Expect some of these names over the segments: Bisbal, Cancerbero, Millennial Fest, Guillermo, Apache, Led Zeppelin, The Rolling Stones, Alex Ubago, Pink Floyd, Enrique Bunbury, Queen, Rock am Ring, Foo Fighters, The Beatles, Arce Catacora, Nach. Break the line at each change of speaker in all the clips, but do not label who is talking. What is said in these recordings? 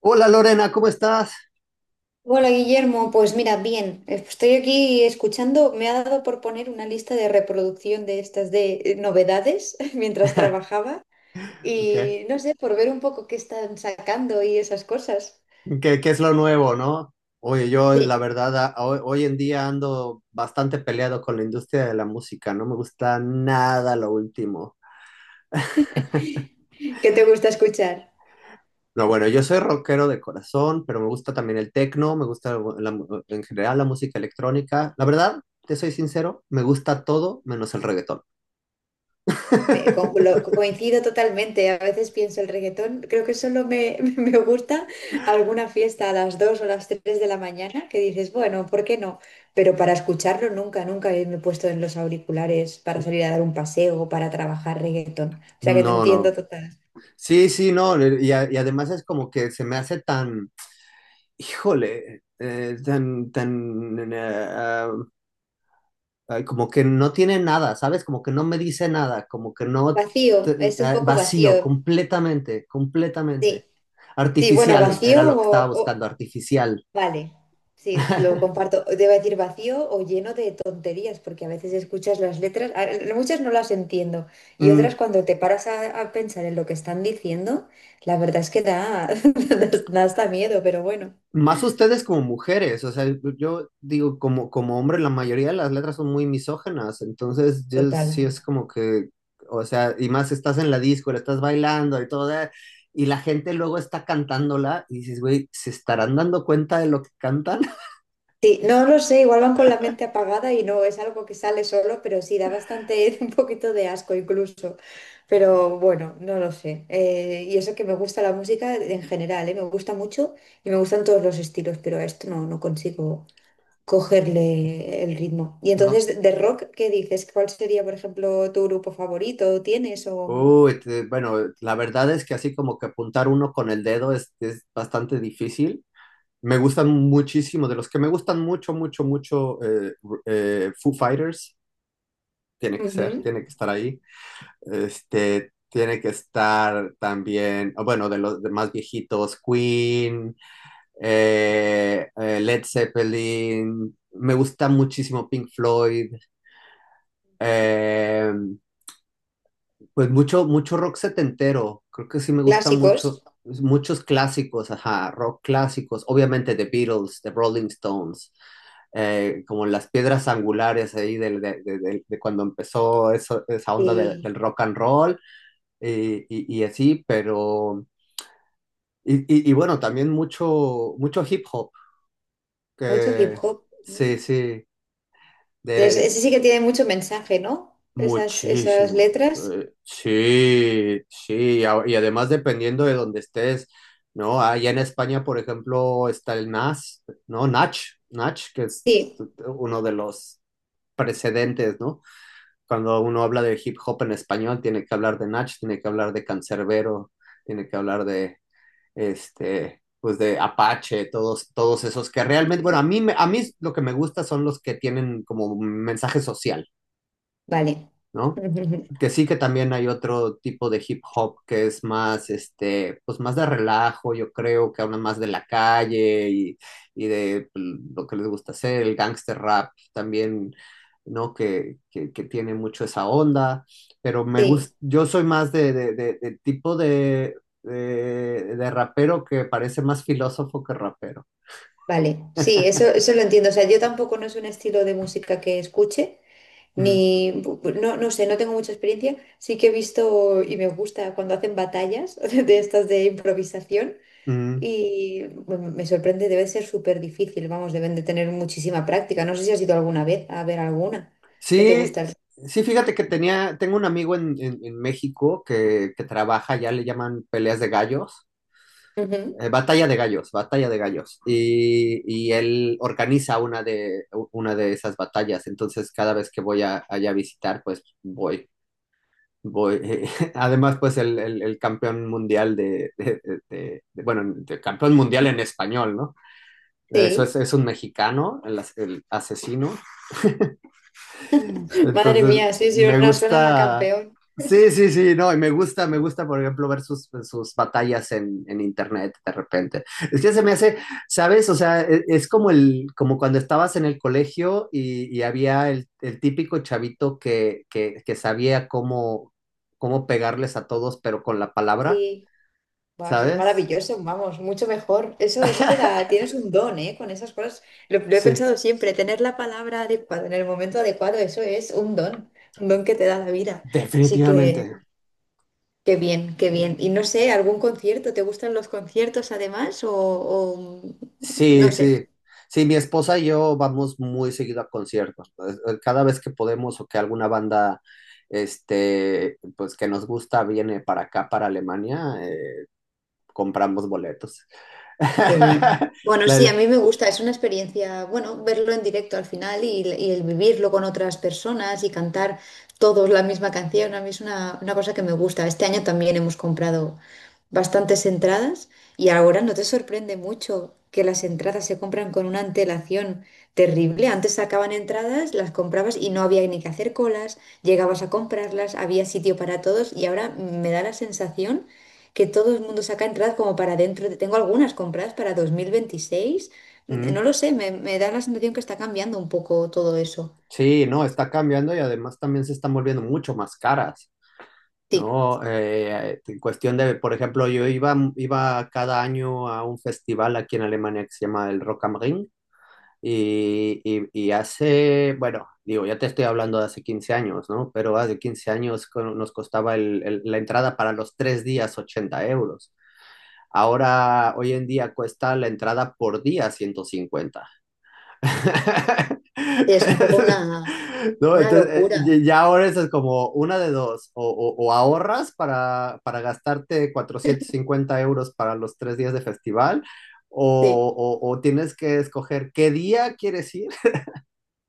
Hola Lorena, ¿cómo estás?
Hola Guillermo, pues mira, bien, estoy aquí escuchando, me ha dado por poner una lista de reproducción de estas de novedades mientras trabajaba
¿Qué,
y no sé, por ver un poco qué están sacando y esas cosas.
qué es lo nuevo, no? Oye, yo la
Sí.
verdad, hoy en día ando bastante peleado con la industria de la música, no me gusta nada lo último.
¿Qué te gusta escuchar?
No, bueno, yo soy rockero de corazón, pero me gusta también el techno, me gusta en general la música electrónica. La verdad, te soy sincero, me gusta todo menos el reggaetón.
Coincido totalmente. A veces pienso el reggaetón, creo que solo me, me gusta alguna fiesta a las 2 o las 3 de la mañana que dices, bueno, ¿por qué no? Pero para escucharlo nunca, nunca me he puesto en los auriculares para salir a dar un paseo, para trabajar reggaetón. O sea que te
No,
entiendo
no.
total.
Sí, sí, no. Y además es como que se me hace tan, híjole, tan, como que no tiene nada, ¿sabes? Como que no me dice nada, como que no,
Vacío, es un poco
vacío,
vacío.
completamente, completamente.
Sí, sí, bueno,
Artificial, era lo que estaba buscando, artificial.
Vale, sí, lo comparto. Debo decir vacío o lleno de tonterías, porque a veces escuchas las letras, muchas no las entiendo, y
Mm,
otras cuando te paras a pensar en lo que están diciendo, la verdad es que da, da hasta miedo, pero bueno,
Más ustedes como mujeres, o sea, yo digo, como, como hombre, la mayoría de las letras son muy misógenas, entonces yo
total.
sí es como que, o sea, y más estás en la disco, la estás bailando y todo, y la gente luego está cantándola y dices, güey, ¿se estarán dando cuenta de lo que cantan?
Sí, no lo sé, igual van con la mente apagada y no es algo que sale solo, pero sí da bastante, un poquito de asco incluso. Pero bueno, no lo sé. Y eso que me gusta la música en general, ¿eh? Me gusta mucho y me gustan todos los estilos, pero a esto no, no consigo cogerle el ritmo. Y
No.
entonces, de rock, ¿qué dices? ¿Cuál sería, por ejemplo, tu grupo favorito? ¿Tienes o
Uy, bueno, la verdad es que así como que apuntar uno con el dedo es bastante difícil. Me gustan muchísimo, de los que me gustan mucho, mucho, mucho, Foo Fighters, tiene que ser,
ujú,
tiene que estar ahí. Este, tiene que estar también, oh, bueno, de los de más viejitos, Queen, Led Zeppelin, me gusta muchísimo Pink Floyd, eh, pues mucho, mucho rock setentero, creo que sí me gusta mucho,
clásicos
pues, muchos clásicos, ajá, rock clásicos, obviamente The Beatles, The Rolling Stones, como las piedras angulares ahí de cuando empezó esa onda
y
del rock and roll, y así, pero, y bueno, también mucho, mucho hip hop,
mucho hip
que
hop? ¿No?
sí, sí, de,
Ese sí que tiene mucho mensaje, ¿no? Esas, esas
muchísimos.
letras.
Sí, sí, y además dependiendo de donde estés, ¿no? Allá en España, por ejemplo, está el NAS, ¿no? Nach, Nach, que es
Sí,
uno de los precedentes, ¿no? Cuando uno habla de hip hop en español, tiene que hablar de Nach, tiene que hablar de Cancerbero, tiene que hablar de, este, pues de Apache, todos, todos esos que realmente, bueno, a mí lo que me gusta son los que tienen como mensaje social,
vale.
¿no? Que sí que también hay otro tipo de hip hop que es más, este, pues más de relajo, yo creo, que habla más de la calle y de pues, lo que les gusta hacer, el gangster rap también, ¿no? Que, que tiene mucho esa onda, pero me
Sí,
gusta, yo soy más de tipo de, de rapero que parece más filósofo que rapero.
vale. Sí, eso lo entiendo. O sea, yo tampoco no es un estilo de música que escuche,
Mm,
ni, no, no sé, no tengo mucha experiencia. Sí que he visto y me gusta cuando hacen batallas de estas de improvisación
mm.
y bueno, me sorprende, debe ser súper difícil, vamos, deben de tener muchísima práctica. No sé si has ido alguna vez a ver alguna que te
Sí,
gusta.
sí, fíjate que tenía, tengo un amigo en, en México que trabaja, ya le llaman peleas de gallos,
Ujú.
batalla de gallos, batalla de gallos, y él organiza una de esas batallas, entonces cada vez que voy a, allá a visitar, pues voy, voy. Además, pues el campeón mundial bueno, de campeón mundial en español, ¿no? Eso
Sí.
es un mexicano, el asesino.
Madre
Entonces,
mía, sí, sí,
me
una suena a
gusta.
campeón.
Sí, sí, sí, no, y me gusta, por ejemplo, ver sus batallas en internet de repente. Es que se me hace, ¿sabes? O sea, es como como cuando estabas en el colegio y había el típico chavito que sabía cómo pegarles a todos, pero con la palabra,
Y buah, eso es
¿sabes?
maravilloso, vamos, mucho mejor. Eso te da, tienes un don, ¿eh? Con esas cosas. Lo he
Sí,
pensado siempre, tener la palabra adecuada en el momento adecuado, eso es un don que te da la vida. Así que,
definitivamente.
qué bien, qué bien. Y no sé, ¿algún concierto? ¿Te gustan los conciertos además?
Sí,
No sé.
sí. Sí, mi esposa y yo vamos muy seguido a conciertos. Pues, cada vez que podemos o que alguna banda, este, pues que nos gusta viene para acá, para Alemania, compramos boletos.
Qué bien. Bueno,
La-
sí, a
la-
mí me gusta, es una experiencia, bueno, verlo en directo al final y el vivirlo con otras personas y cantar todos la misma canción, a mí es una cosa que me gusta. Este año también hemos comprado bastantes entradas y ahora no te sorprende mucho que las entradas se compran con una antelación terrible. Antes sacaban entradas, las comprabas y no había ni que hacer colas, llegabas a comprarlas, había sitio para todos y ahora me da la sensación que todo el mundo saca entradas como para dentro. Tengo algunas compradas para 2026. No
Mm,
lo sé, me da la sensación que está cambiando un poco todo eso.
sí, no, está cambiando y además también se están volviendo mucho más caras,
Sí,
¿no? En cuestión de, por ejemplo, yo iba cada año a un festival aquí en Alemania que se llama el Rock am Ring. Y hace, bueno, digo, ya te estoy hablando de hace 15 años, ¿no? Pero hace 15 años nos costaba la entrada para los 3 días 80 euros. Ahora, hoy en día cuesta la entrada por día 150.
es un poco
No,
una
entonces,
locura.
ya ahora eso es como una de dos, o ahorras para gastarte 450 euros para los tres días de festival,
Sí,
o, o tienes que escoger qué día quieres ir.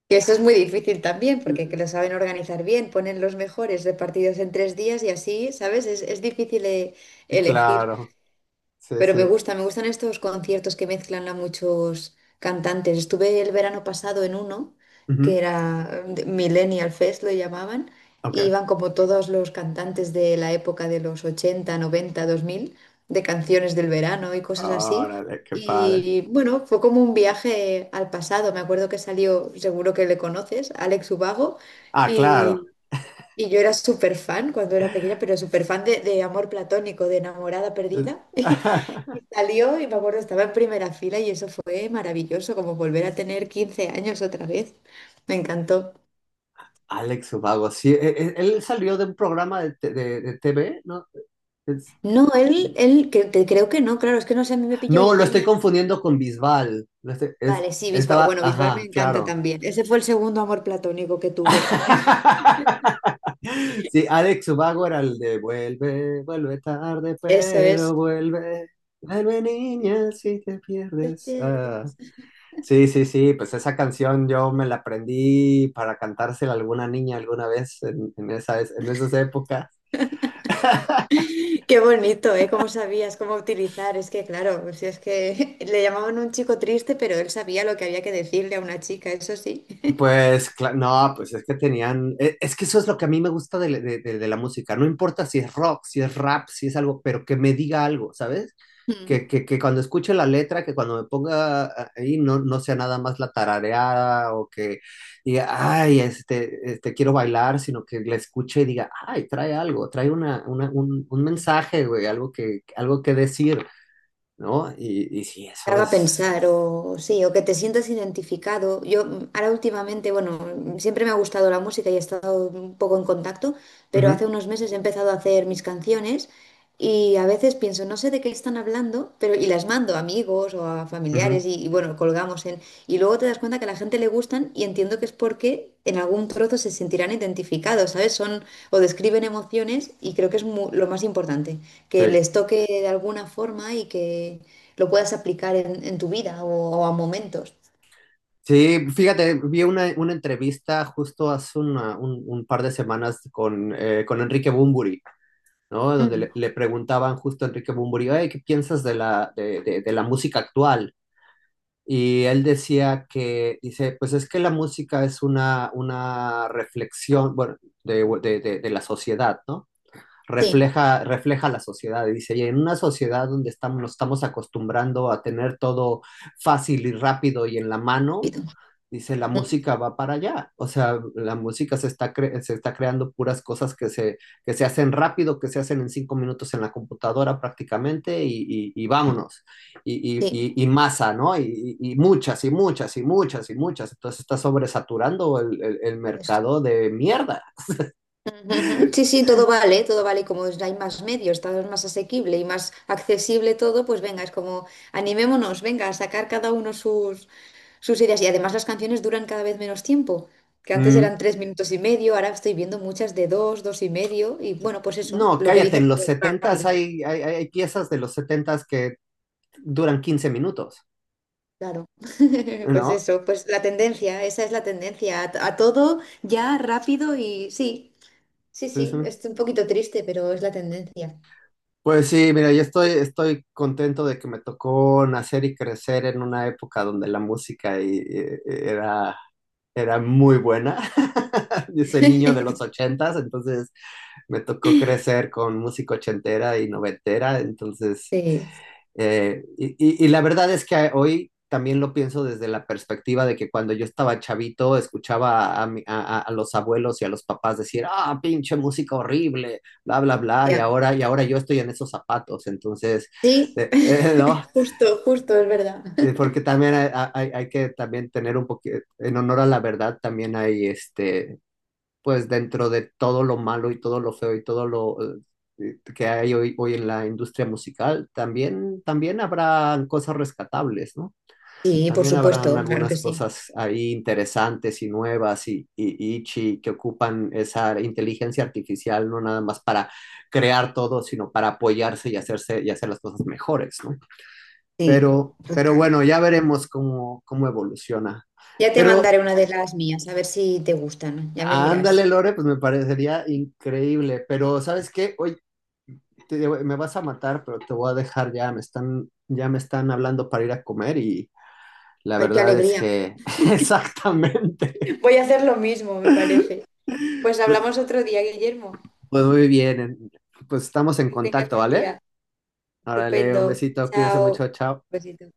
que eso es muy difícil también,
Eh,
porque que lo saben organizar bien, ponen los mejores repartidos en tres días y así, ¿sabes? Es difícil elegir.
Claro, sí,
Pero me
sí.
gusta, me gustan estos conciertos que mezclan a muchos cantantes. Estuve el verano pasado en uno, que
Ujú.
era Millennial Fest, lo llamaban, y
Ok.
iban como todos los cantantes de la época de los ochenta noventa dos mil de canciones del verano y cosas así.
Órale, qué padre.
Y bueno, fue como un viaje al pasado. Me acuerdo que salió, seguro que le conoces, Alex Ubago,
Ah, claro.
y yo era súper fan cuando era pequeña, pero súper fan de amor platónico, de enamorada perdida. Y salió y me acuerdo, estaba en primera fila y eso fue maravilloso, como volver a tener 15 años otra vez. Me encantó.
Alex Ubago, sí. Él salió de un programa de, de TV, ¿no? Es-
No, creo que no, claro, es que no sé, a mí me pilló,
no,
yo
lo estoy
tenía...
confundiendo con Bisbal. Lo estoy- es-
Vale, sí, Bisbal,
estaba,
bueno, Bisbal me
ajá,
encanta
claro.
también. Ese fue el segundo amor platónico que tuve.
Sí, Alex Ubago era el de "vuelve, vuelve tarde,
Eso
pero
es.
vuelve. Vuelve niña si te
Te
pierdes." Ah.
pierdes.
Sí, sí, sí, pues esa canción yo me la aprendí para cantársela a alguna niña alguna vez en esas épocas.
Qué bonito, ¿eh? ¿Cómo sabías cómo utilizar? Es que, claro, pues si es que le llamaban un chico triste, pero él sabía lo que había que decirle a una chica, eso sí.
Pues, no, pues es que tenían, es que eso es lo que a mí me gusta de, de la música, no importa si es rock, si es rap, si es algo, pero que me diga algo, ¿sabes?
Mm.
Que cuando escuche la letra, que cuando me ponga ahí no sea nada más la tarareada o que diga, ay, este, quiero bailar, sino que la escuche y diga, ay, trae algo, trae un mensaje, güey, algo que decir, ¿no? Y sí,
Te
eso
haga
es...
pensar o sí, o que te sientas identificado. Yo ahora últimamente, bueno, siempre me ha gustado la música y he estado un poco en contacto, pero
ujú,
hace unos meses he empezado a hacer mis canciones y a veces pienso, no sé de qué están hablando, pero y las mando a amigos o a
ujú,
familiares bueno, colgamos en y luego te das cuenta que a la gente le gustan y entiendo que es porque en algún trozo se sentirán identificados, ¿sabes? Son o describen emociones y creo que es lo más importante, que
sí.
les toque de alguna forma y que lo puedas aplicar en tu vida o a momentos.
Sí, fíjate, vi una entrevista justo hace un par de semanas con Enrique Bunbury, ¿no? Donde
Mm,
le preguntaban justo a Enrique Bunbury: "Oye, ¿qué piensas de la música actual?" Y él decía que, pues es que la música es una reflexión, bueno, de la sociedad, ¿no?
sí,
Refleja la sociedad, y dice, y en una sociedad donde estamos, nos estamos acostumbrando a tener todo fácil y rápido y en la mano,
y tú,
dice, la
ujú,
música va para allá. O sea, la música se está creando puras cosas que se hacen rápido, que se hacen en 5 minutos en la computadora prácticamente y vámonos. Y, y-
sí.
y- y masa, ¿no? Y muchas y muchas y muchas y muchas. Entonces está sobresaturando el
Pues,
mercado de mierda.
ujú, sí, sí, todo vale, todo vale. Como hay más medios, está más asequible y más accesible todo, pues venga, es como animémonos, venga, a sacar cada uno sus, sus ideas. Y además las canciones duran cada vez menos tiempo, que antes
Mm.
eran 3 minutos y medio, ahora estoy viendo muchas de dos, dos y medio, y bueno, pues eso,
No,
lo que
cállate,
dices,
en los
pues,
setentas
rápido.
hay piezas de los setentas que duran 15 minutos,
Claro, pues
¿no?
eso, pues la tendencia, esa es la tendencia, a todo ya rápido y sí, sí,
Sí, sí.
sí, es un poquito triste, pero es la tendencia.
Pues sí, mira, yo estoy contento de que me tocó nacer y crecer en una época donde la música era muy buena. Yo soy niño de los ochentas, entonces me tocó crecer con música ochentera y noventera, entonces
Sí,
y la verdad es que hoy también lo pienso desde la perspectiva de que cuando yo estaba chavito escuchaba a los abuelos y a los papás decir: "Ah, pinche música horrible, bla, bla, bla", y
ya.
ahora, y ahora yo estoy en esos zapatos, entonces,
Sí,
¿no?
justo, justo, es verdad.
Porque también hay que también tener un poquito, en honor a la verdad, también hay este, pues dentro de todo lo malo y todo lo feo y todo lo que hay hoy en la industria musical, también habrán cosas rescatables, ¿no?
Sí, por
También habrán
supuesto, claro que
algunas
sí.
cosas ahí interesantes y nuevas que ocupan esa inteligencia artificial, no nada más para crear todo, sino para apoyarse y hacerse y hacer las cosas mejores, ¿no?
Sí,
Pero
total.
bueno, ya veremos cómo evoluciona.
Ya te
Pero
mandaré una de las mías, a ver si te gustan, ya me
ándale,
dirás.
Lore, pues me parecería increíble, pero ¿sabes qué? Hoy digo, me vas a matar, pero te voy a dejar ya, ya me están hablando para ir a comer y la
Ay, qué
verdad es
alegría.
que exactamente.
Voy a hacer lo mismo, me parece. Pues hablamos otro día, Guillermo.
Pues muy bien, pues estamos en
Que tengas
contacto,
buen
¿vale?
día.
Órale, un
Estupendo.
besito, cuídese
Chao.
mucho, chao.
Besito.